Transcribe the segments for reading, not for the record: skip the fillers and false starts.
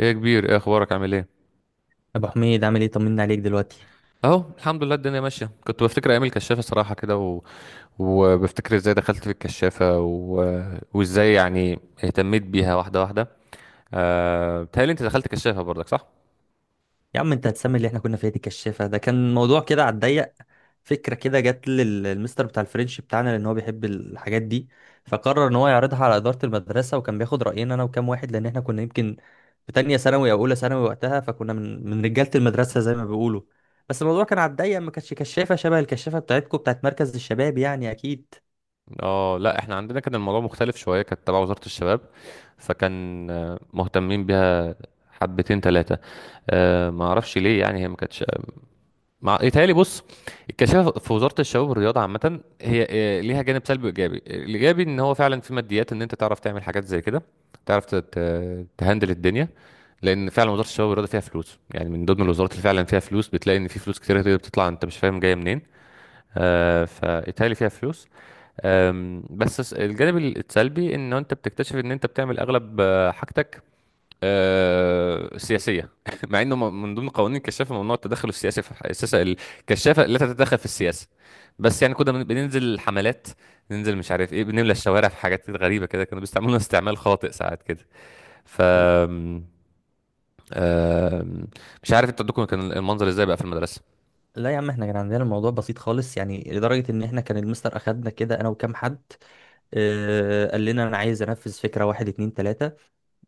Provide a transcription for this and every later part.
ايه يا كبير، ايه اخبارك، عامل ايه؟ ابو حميد، عامل ايه؟ طمنا عليك دلوقتي. اهو الحمد لله الدنيا ماشيه. كنت بفتكر ايام الكشافه صراحه كده وبفتكر ازاي دخلت في الكشافه وازاي يعني اهتميت بيها واحده واحده. بتهيألي انت دخلت كشافه برضك، صح؟ يا عم انت هتسمي اللي احنا كنا فيها دي كشافه؟ ده كان موضوع كده على الضيق. فكره كده جت للمستر بتاع الفرنش بتاعنا لان هو بيحب الحاجات دي، فقرر ان هو يعرضها على اداره المدرسه، وكان بياخد راينا انا وكام واحد، لان احنا كنا يمكن في تانية ثانوي او اولى ثانوي وقتها، فكنا من رجاله المدرسه زي ما بيقولوا. بس الموضوع كان على الضيق، ما كانش كشافه شبه الكشافه بتاعتكم بتاعت مركز الشباب يعني، اكيد. اه لا، احنا عندنا كان الموضوع مختلف شويه. كانت تبع وزاره الشباب، فكان مهتمين بيها حبتين ثلاثه. ما اعرفش ليه، يعني هي ما كانتش مع، يتهيألي. بص، الكشافة في وزارة الشباب والرياضة عامة هي ليها جانب سلبي وإيجابي. الإيجابي إن هو فعلا في ماديات، إن أنت تعرف تعمل حاجات زي كده، تعرف تهندل الدنيا. لأن فعلا وزارة الشباب والرياضة فيها فلوس، يعني من ضمن الوزارات اللي فعلا فيها فلوس، بتلاقي إن في فلوس كتير كده بتطلع أنت مش فاهم جاية منين. فيتهيألي فيها فلوس. بس الجانب السلبي إن أنت بتكتشف إن أنت بتعمل أغلب حاجتك سياسية مع انه من ضمن قوانين الكشافة ممنوع التدخل السياسي في السياسة، الكشافة لا تتدخل في السياسة. بس يعني كنا بننزل حملات، ننزل مش عارف ايه، بنملى الشوارع في حاجات غريبة كده. كانوا بيستعملونا استعمال خاطئ ساعات كده. ف آم، مش عارف انتوا عندكم كان المنظر ازاي بقى في المدرسة؟ لا يا عم، احنا كان عندنا الموضوع بسيط خالص، يعني لدرجه ان احنا كان المستر اخدنا كده انا وكام حد، قال لنا انا عايز انفذ فكره، واحد اتنين تلاته،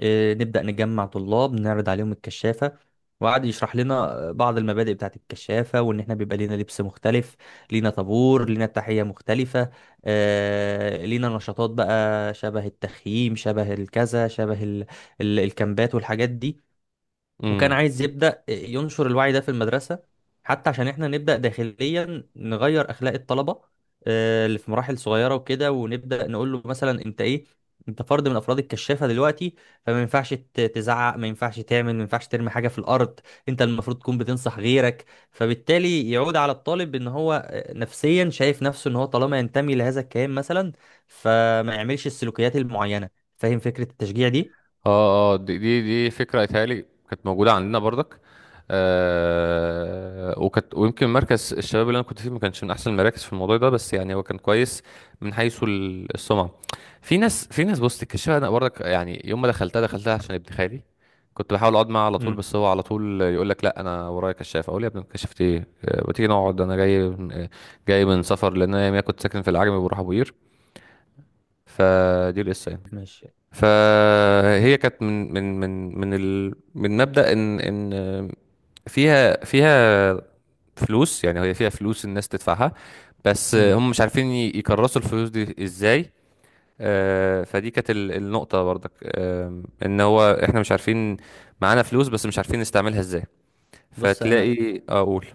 نبدا نجمع طلاب نعرض عليهم الكشافه. وقعد يشرح لنا بعض المبادئ بتاعت الكشافه، وان احنا بيبقى لينا لبس مختلف، لينا طابور، لينا التحيه مختلفه، لينا نشاطات بقى شبه التخييم، شبه الكذا، شبه الكامبات والحاجات دي. وكان امم. عايز يبدأ ينشر الوعي ده في المدرسة، حتى عشان احنا نبدأ داخليا نغير أخلاق الطلبة، اللي في مراحل صغيرة وكده، ونبدأ نقول له مثلا انت ايه، انت فرد من افراد الكشافة دلوقتي، فما ينفعش تزعق، ما ينفعش تعمل، ما ينفعش ترمي حاجة في الأرض، انت المفروض تكون بتنصح غيرك. فبالتالي يعود على الطالب ان هو نفسيا شايف نفسه ان هو طالما ينتمي لهذا الكيان مثلا، فما يعملش السلوكيات المعينة. فاهم فكرة التشجيع دي؟ اه اه، دي فكرة اتهيألي كانت موجودة عندنا برضك. آه، وكانت، ويمكن مركز الشباب اللي انا كنت فيه ما كانش من احسن المراكز في الموضوع ده، بس يعني هو كان كويس من حيث السمعة. في ناس، في ناس بص تكشفها. انا برضك يعني يوم ما دخلتها، دخلتها عشان ابن خالي. كنت بحاول اقعد معاه على طول، امم. بس هو على طول يقول لك لا انا ورايا كشاف. اقول يا ابني كشفت ايه، ما تيجي نقعد انا جاي، جاي من سفر، لان انا كنت ساكن في العجمي وبروح ابو قير. فدي القصه يعني. ماشي. فهي كانت من ال، من مبدأ ان فيها فيها فلوس، يعني هي فيها فلوس الناس تدفعها، بس امم. هم مش عارفين يكرسوا الفلوس دي ازاي. فدي كانت النقطة برضك. ان هو احنا مش عارفين، معانا فلوس بس مش عارفين نستعملها ازاي. بص انا فتلاقي اقول.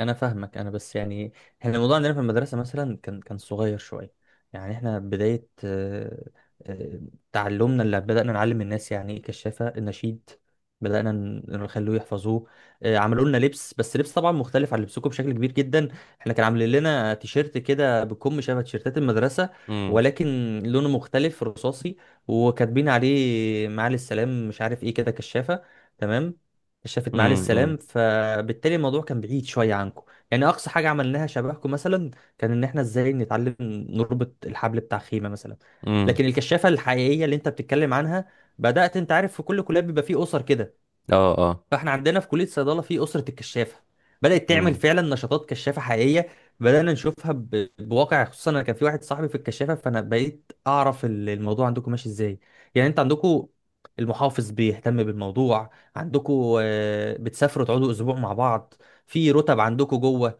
انا فاهمك، انا بس يعني احنا الموضوع عندنا في المدرسه مثلا كان صغير شويه، يعني احنا بدايه آه، تعلمنا، اللي بدانا نعلم الناس يعني ايه كشافه، النشيد بدانا نخلوه يحفظوه، عملوا لنا لبس، بس لبس طبعا مختلف عن لبسكم بشكل كبير جدا. احنا كان عاملين لنا تيشيرت كده بكم شبه تيشيرتات المدرسه، امم. ولكن لونه مختلف رصاصي، وكاتبين عليه معالي السلام، مش عارف ايه كده، كشافه، تمام، شافت معالي السلام. امم. فبالتالي الموضوع كان بعيد شويه عنكم. يعني اقصى حاجه عملناها شبهكم مثلا كان ان احنا ازاي نتعلم نربط الحبل بتاع خيمه مثلا. امم. لكن الكشافه الحقيقيه اللي انت بتتكلم عنها بدات، انت عارف في كل كليه بيبقى فيه اسر كده، اه فاحنا عندنا في كليه الصيدله في اسره الكشافه بدات تعمل اه. فعلا نشاطات كشافه حقيقيه، بدانا نشوفها بواقع، خصوصا انا كان في واحد صاحبي في الكشافه، فانا بقيت اعرف الموضوع عندكم ماشي ازاي. يعني انت عندكم المحافظ بيهتم بالموضوع، عندكم بتسافروا تقعدوا اسبوع مع بعض، في رتب عندكم جوه،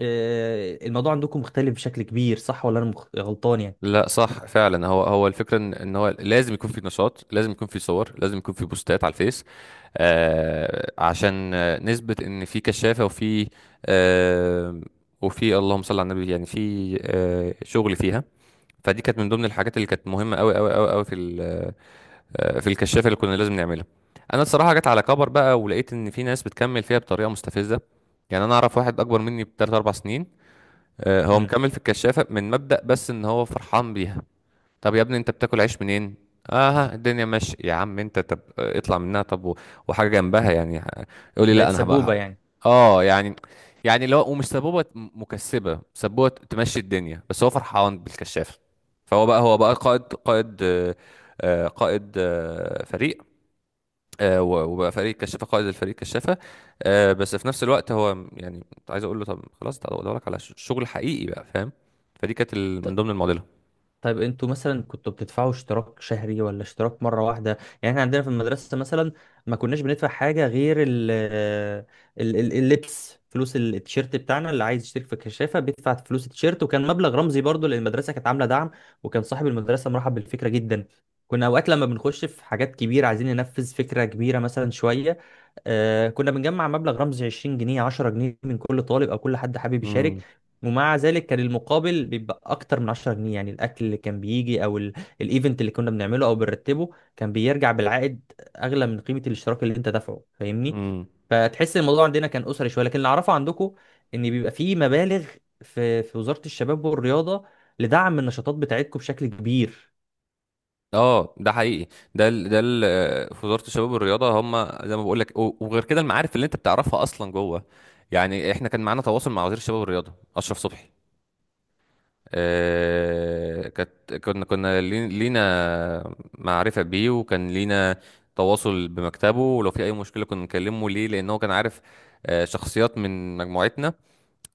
الموضوع عندكم مختلف بشكل كبير، صح ولا انا غلطان يعني؟ لا صح فعلا، هو هو الفكره ان إن هو لازم يكون في نشاط، لازم يكون في صور، لازم يكون في بوستات على الفيس. آه، عشان نثبت ان في كشافه وفي، آه، وفي اللهم صل على النبي، يعني في آه شغل فيها. فدي كانت من ضمن الحاجات اللي كانت مهمه قوي قوي قوي قوي في في الكشافه اللي كنا لازم نعملها. انا الصراحه جت على كبر بقى، ولقيت ان في ناس بتكمل فيها بطريقه مستفزه. يعني انا اعرف واحد اكبر مني بثلاث اربع سنين، هو امم. مكمل في الكشافه من مبدأ بس ان هو فرحان بيها. طب يا ابني انت بتاكل عيش منين؟ اه الدنيا ماشي يا عم انت، طب اطلع منها طب وحاجه جنبها يعني، يقول لي بقت لا انا هبقى. سبوبه يعني. اه يعني يعني اللي هو، ومش سبوبه، مكسبه، سبوبه تمشي الدنيا بس هو فرحان بالكشاف. فهو بقى، هو بقى قائد، قائد فريق، وبقى فريق كشافه، قائد الفريق كشافه. بس في نفس الوقت هو يعني كنت عايز اقول له طب خلاص ده ادور لك على شغل حقيقي بقى، فاهم؟ فدي كانت من ضمن المعضله. طيب انتوا مثلا كنتوا بتدفعوا اشتراك شهري ولا اشتراك مرة واحدة؟ يعني احنا عندنا في المدرسة مثلا ما كناش بندفع حاجة غير ال ال ال اللبس، فلوس التيشيرت بتاعنا، اللي عايز يشترك في الكشافة بيدفع فلوس التيشيرت، وكان مبلغ رمزي برضو، لان المدرسة كانت عاملة دعم، وكان صاحب المدرسة مرحب بالفكرة جدا. كنا اوقات لما بنخش في حاجات كبيرة، عايزين ننفذ فكرة كبيرة مثلا شوية، كنا بنجمع مبلغ رمزي، 20 جنيه، 10 جنيه، من كل طالب او كل حد حابب يشارك. امم. ومع ذلك كان المقابل بيبقى اكتر من 10 جنيه، يعني الاكل اللي كان بيجي، او الايفنت اللي كنا بنعمله او بنرتبه، كان بيرجع بالعائد اغلى من قيمه الاشتراك اللي انت دافعه، فاهمني؟ امم. فتحس الموضوع عندنا كان اسري شويه، لكن اللي اعرفه عندكم ان بيبقى فيه مبالغ في وزاره الشباب والرياضه لدعم النشاطات بتاعتكم بشكل كبير. اه ده حقيقي. ده ال في وزاره الشباب والرياضه هم، زي ما بقول لك، وغير كده المعارف اللي انت بتعرفها اصلا جوه. يعني احنا كان معانا تواصل مع وزير الشباب والرياضه اشرف صبحي. آه كانت، كنا لينا معرفه بيه، وكان لينا تواصل بمكتبه، ولو في اي مشكله كنا نكلمه ليه، لان هو كان عارف شخصيات من مجموعتنا.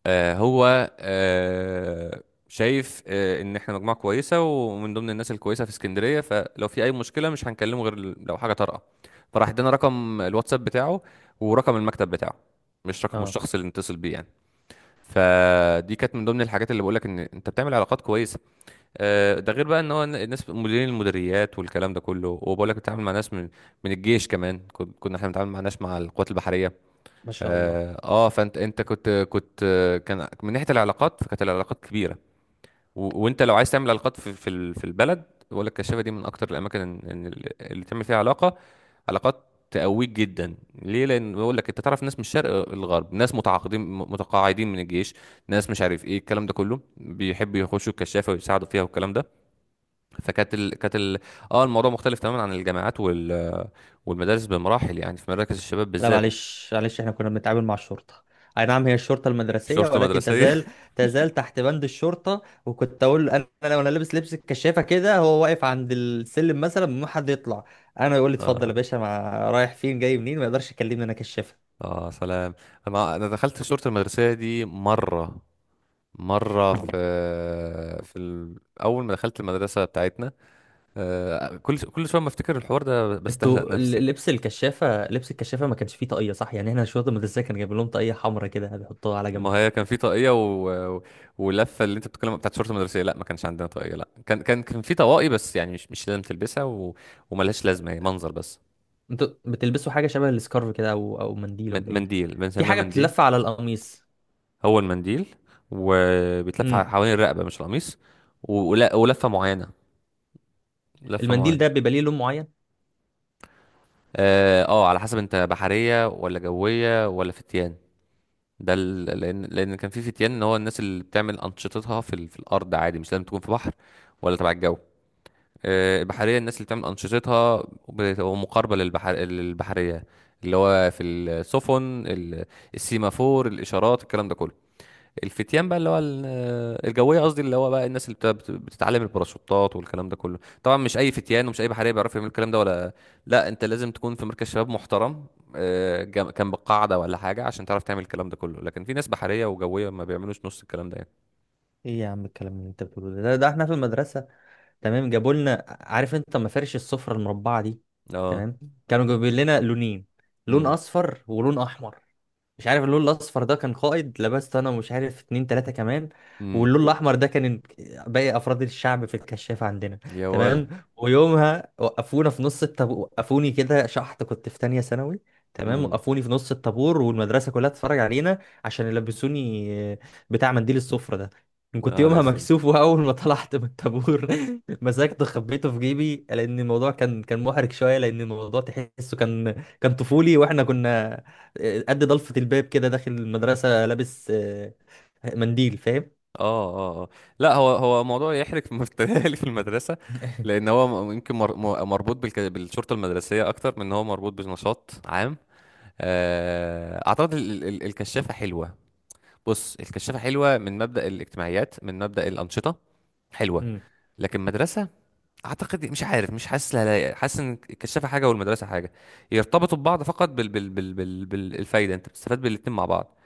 آه، هو آه، شايف ان احنا مجموعه كويسه ومن ضمن الناس الكويسه في اسكندريه، فلو في اي مشكله مش هنكلمه غير لو حاجه طارئه. فراح ادانا رقم الواتساب بتاعه، ورقم المكتب بتاعه، مش رقم، مش اه، الشخص اللي نتصل بيه يعني. فدي كانت من ضمن الحاجات اللي بقولك ان انت بتعمل علاقات كويسه. ده غير بقى ان هو الناس مديرين المديريات والكلام ده كله، وبقولك بتتعامل مع ناس من، من الجيش كمان. كنا احنا بنتعامل مع ناس، مع القوات البحريه. ما شاء الله. اه، فانت كنت كان من ناحيه العلاقات، فكانت العلاقات كبيره. وانت لو عايز تعمل علاقات في في البلد، بقول لك الكشافه دي من اكتر الاماكن اللي تعمل فيها علاقات تقويك جدا. ليه؟ لان بقول لك انت تعرف ناس من الشرق للغرب، ناس متقاعدين من الجيش، ناس مش عارف ايه، الكلام ده كله بيحبوا يخشوا الكشافه ويساعدوا فيها، والكلام ده. فكانت ال... كانت ال... اه الموضوع مختلف تماما عن الجامعات والمدارس بمراحل، يعني في مراكز الشباب لا بالذات. معلش معلش، احنا كنا بنتعامل مع الشرطة، اي نعم هي الشرطة المدرسية، شرطه ولكن مدرسيه تزال تزال تحت بند الشرطة، وكنت اقول انا لو انا لابس لبس الكشافة كده، هو واقف عند السلم مثلا، ما حد يطلع، انا يقول لي اتفضل يا اه باشا، مع رايح فين جاي منين، ما يقدرش يكلمني، انا كشافة. اه سلام. انا دخلت صورة المدرسية دي مرة، مرة في، اول ما دخلت المدرسة بتاعتنا كل كل شوية ما افتكر الحوار ده بستهزأ انتوا نفسي. لبس الكشافة، ما كانش فيه طاقية صح؟ يعني احنا الشرطة المدرسية كان جايب لهم طاقية حمرا كده بيحطوها على ما جنب. هي كان في طاقية و- ولفة اللي انت بتتكلم بتاعت صورة المدرسية، لا ما كانش عندنا طاقية، لا كان، كان في طواقي بس يعني مش لازم تلبسها، وملهاش لازمة، هي منظر بس. انتوا بتلبسوا حاجة شبه السكارف كده، او منديل ولا ايه؟ منديل، في بنسميها حاجة منديل. بتتلف على القميص. هو المنديل وبيتلف امم. حوالين الرقبة مش القميص. ولفة معينة، لفة المنديل معينة. ده بيبقى ليه لون معين؟ اه على حسب انت بحرية ولا جوية ولا فتيان. ده لان كان في فتيان، ان هو الناس اللي بتعمل انشطتها في في الارض عادي، مش لازم تكون في بحر ولا تبع الجو. البحرية الناس اللي بتعمل انشطتها بتبقى مقاربة للبحر، للبحرية، اللي هو في السفن السيمافور الاشارات الكلام ده كله. الفتيان بقى اللي هو الجويه قصدي، اللي هو بقى الناس اللي بتتعلم الباراشوتات والكلام ده كله. طبعا مش اي فتيان ومش اي بحريه بيعرف يعمل الكلام ده، ولا، لا انت لازم تكون في مركز شباب محترم كان بالقاعده ولا حاجه عشان تعرف تعمل الكلام ده كله. لكن في ناس بحريه وجويه ما بيعملوش نص الكلام ده يعني. ايه يا عم الكلام اللي انت بتقوله ده؟ احنا في المدرسه تمام، جابوا لنا، عارف انت مفارش السفره المربعه دي، اه. تمام، كانوا جايبين لنا لونين، لون امم. اصفر ولون احمر، مش عارف اللون الاصفر ده كان قائد، لبست انا ومش عارف اتنين تلاته كمان، امم. واللون الاحمر ده كان باقي افراد الشعب في الكشافه عندنا، يا تمام. ولا. ويومها وقفونا في نص الطابور، وقفوني كده شحط، كنت في تانية ثانوي، تمام، امم. وقفوني في نص الطابور والمدرسه كلها تتفرج علينا، عشان يلبسوني بتاع منديل السفره ده، كنت اه ده يومها اسود. مكسوف، واول ما طلعت من الطابور مسكته خبيته في جيبي، لان الموضوع كان محرج شويه، لان الموضوع تحسه كان طفولي، واحنا كنا قد ضلفه الباب كده داخل المدرسه لابس منديل، فاهم؟ اه اه اه لا هو، هو موضوع يحرق مفتري في المدرسه، لان هو يمكن مربوط بالشرطه المدرسيه اكتر من ان هو مربوط بنشاط عام. اعتقد الكشافه حلوه. بص، الكشافه حلوه من مبدا الاجتماعيات، من مبدا الانشطه، حلوه. امم. لكن مدرسه، اعتقد، مش عارف، مش حاسس لها لايقة. حاسس ان الكشافه حاجه والمدرسه حاجه، يرتبطوا ببعض فقط بالفايده، انت بتستفاد بالاتنين مع بعض،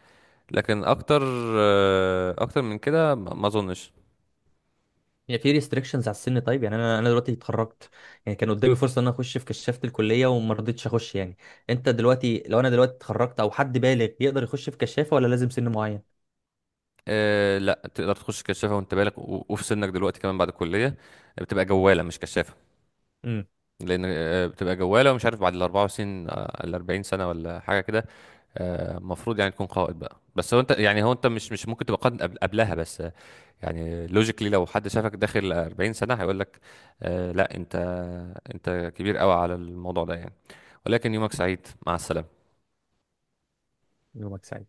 لكن اكتر، اكتر من كده ما اظنش. يعني في ريستريكشنز على السن؟ طيب يعني انا دلوقتي اتخرجت، يعني كان قدامي فرصه ان انا اخش في كشافه الكليه، وما رضيتش اخش يعني، انت دلوقتي، لو انا دلوقتي اتخرجت او حد بالغ، يقدر يخش في كشافه ولا لازم سن معين؟ أه لا، تقدر تخش كشافه وانت بالغ وفي سنك دلوقتي كمان بعد الكليه، بتبقى جواله مش كشافه. امم. لان بتبقى جواله، مش عارف، بعد ال 24، ال 40 سنه ولا حاجه كده. المفروض يعني تكون قائد بقى، بس هو انت يعني، هو انت مش ممكن تبقى قائد قبلها. بس يعني لوجيكلي لو حد شافك داخل 40 سنه هيقول لك لا انت، انت كبير قوي على الموضوع ده يعني. ولكن يومك سعيد، مع السلامه. يومك سعيد.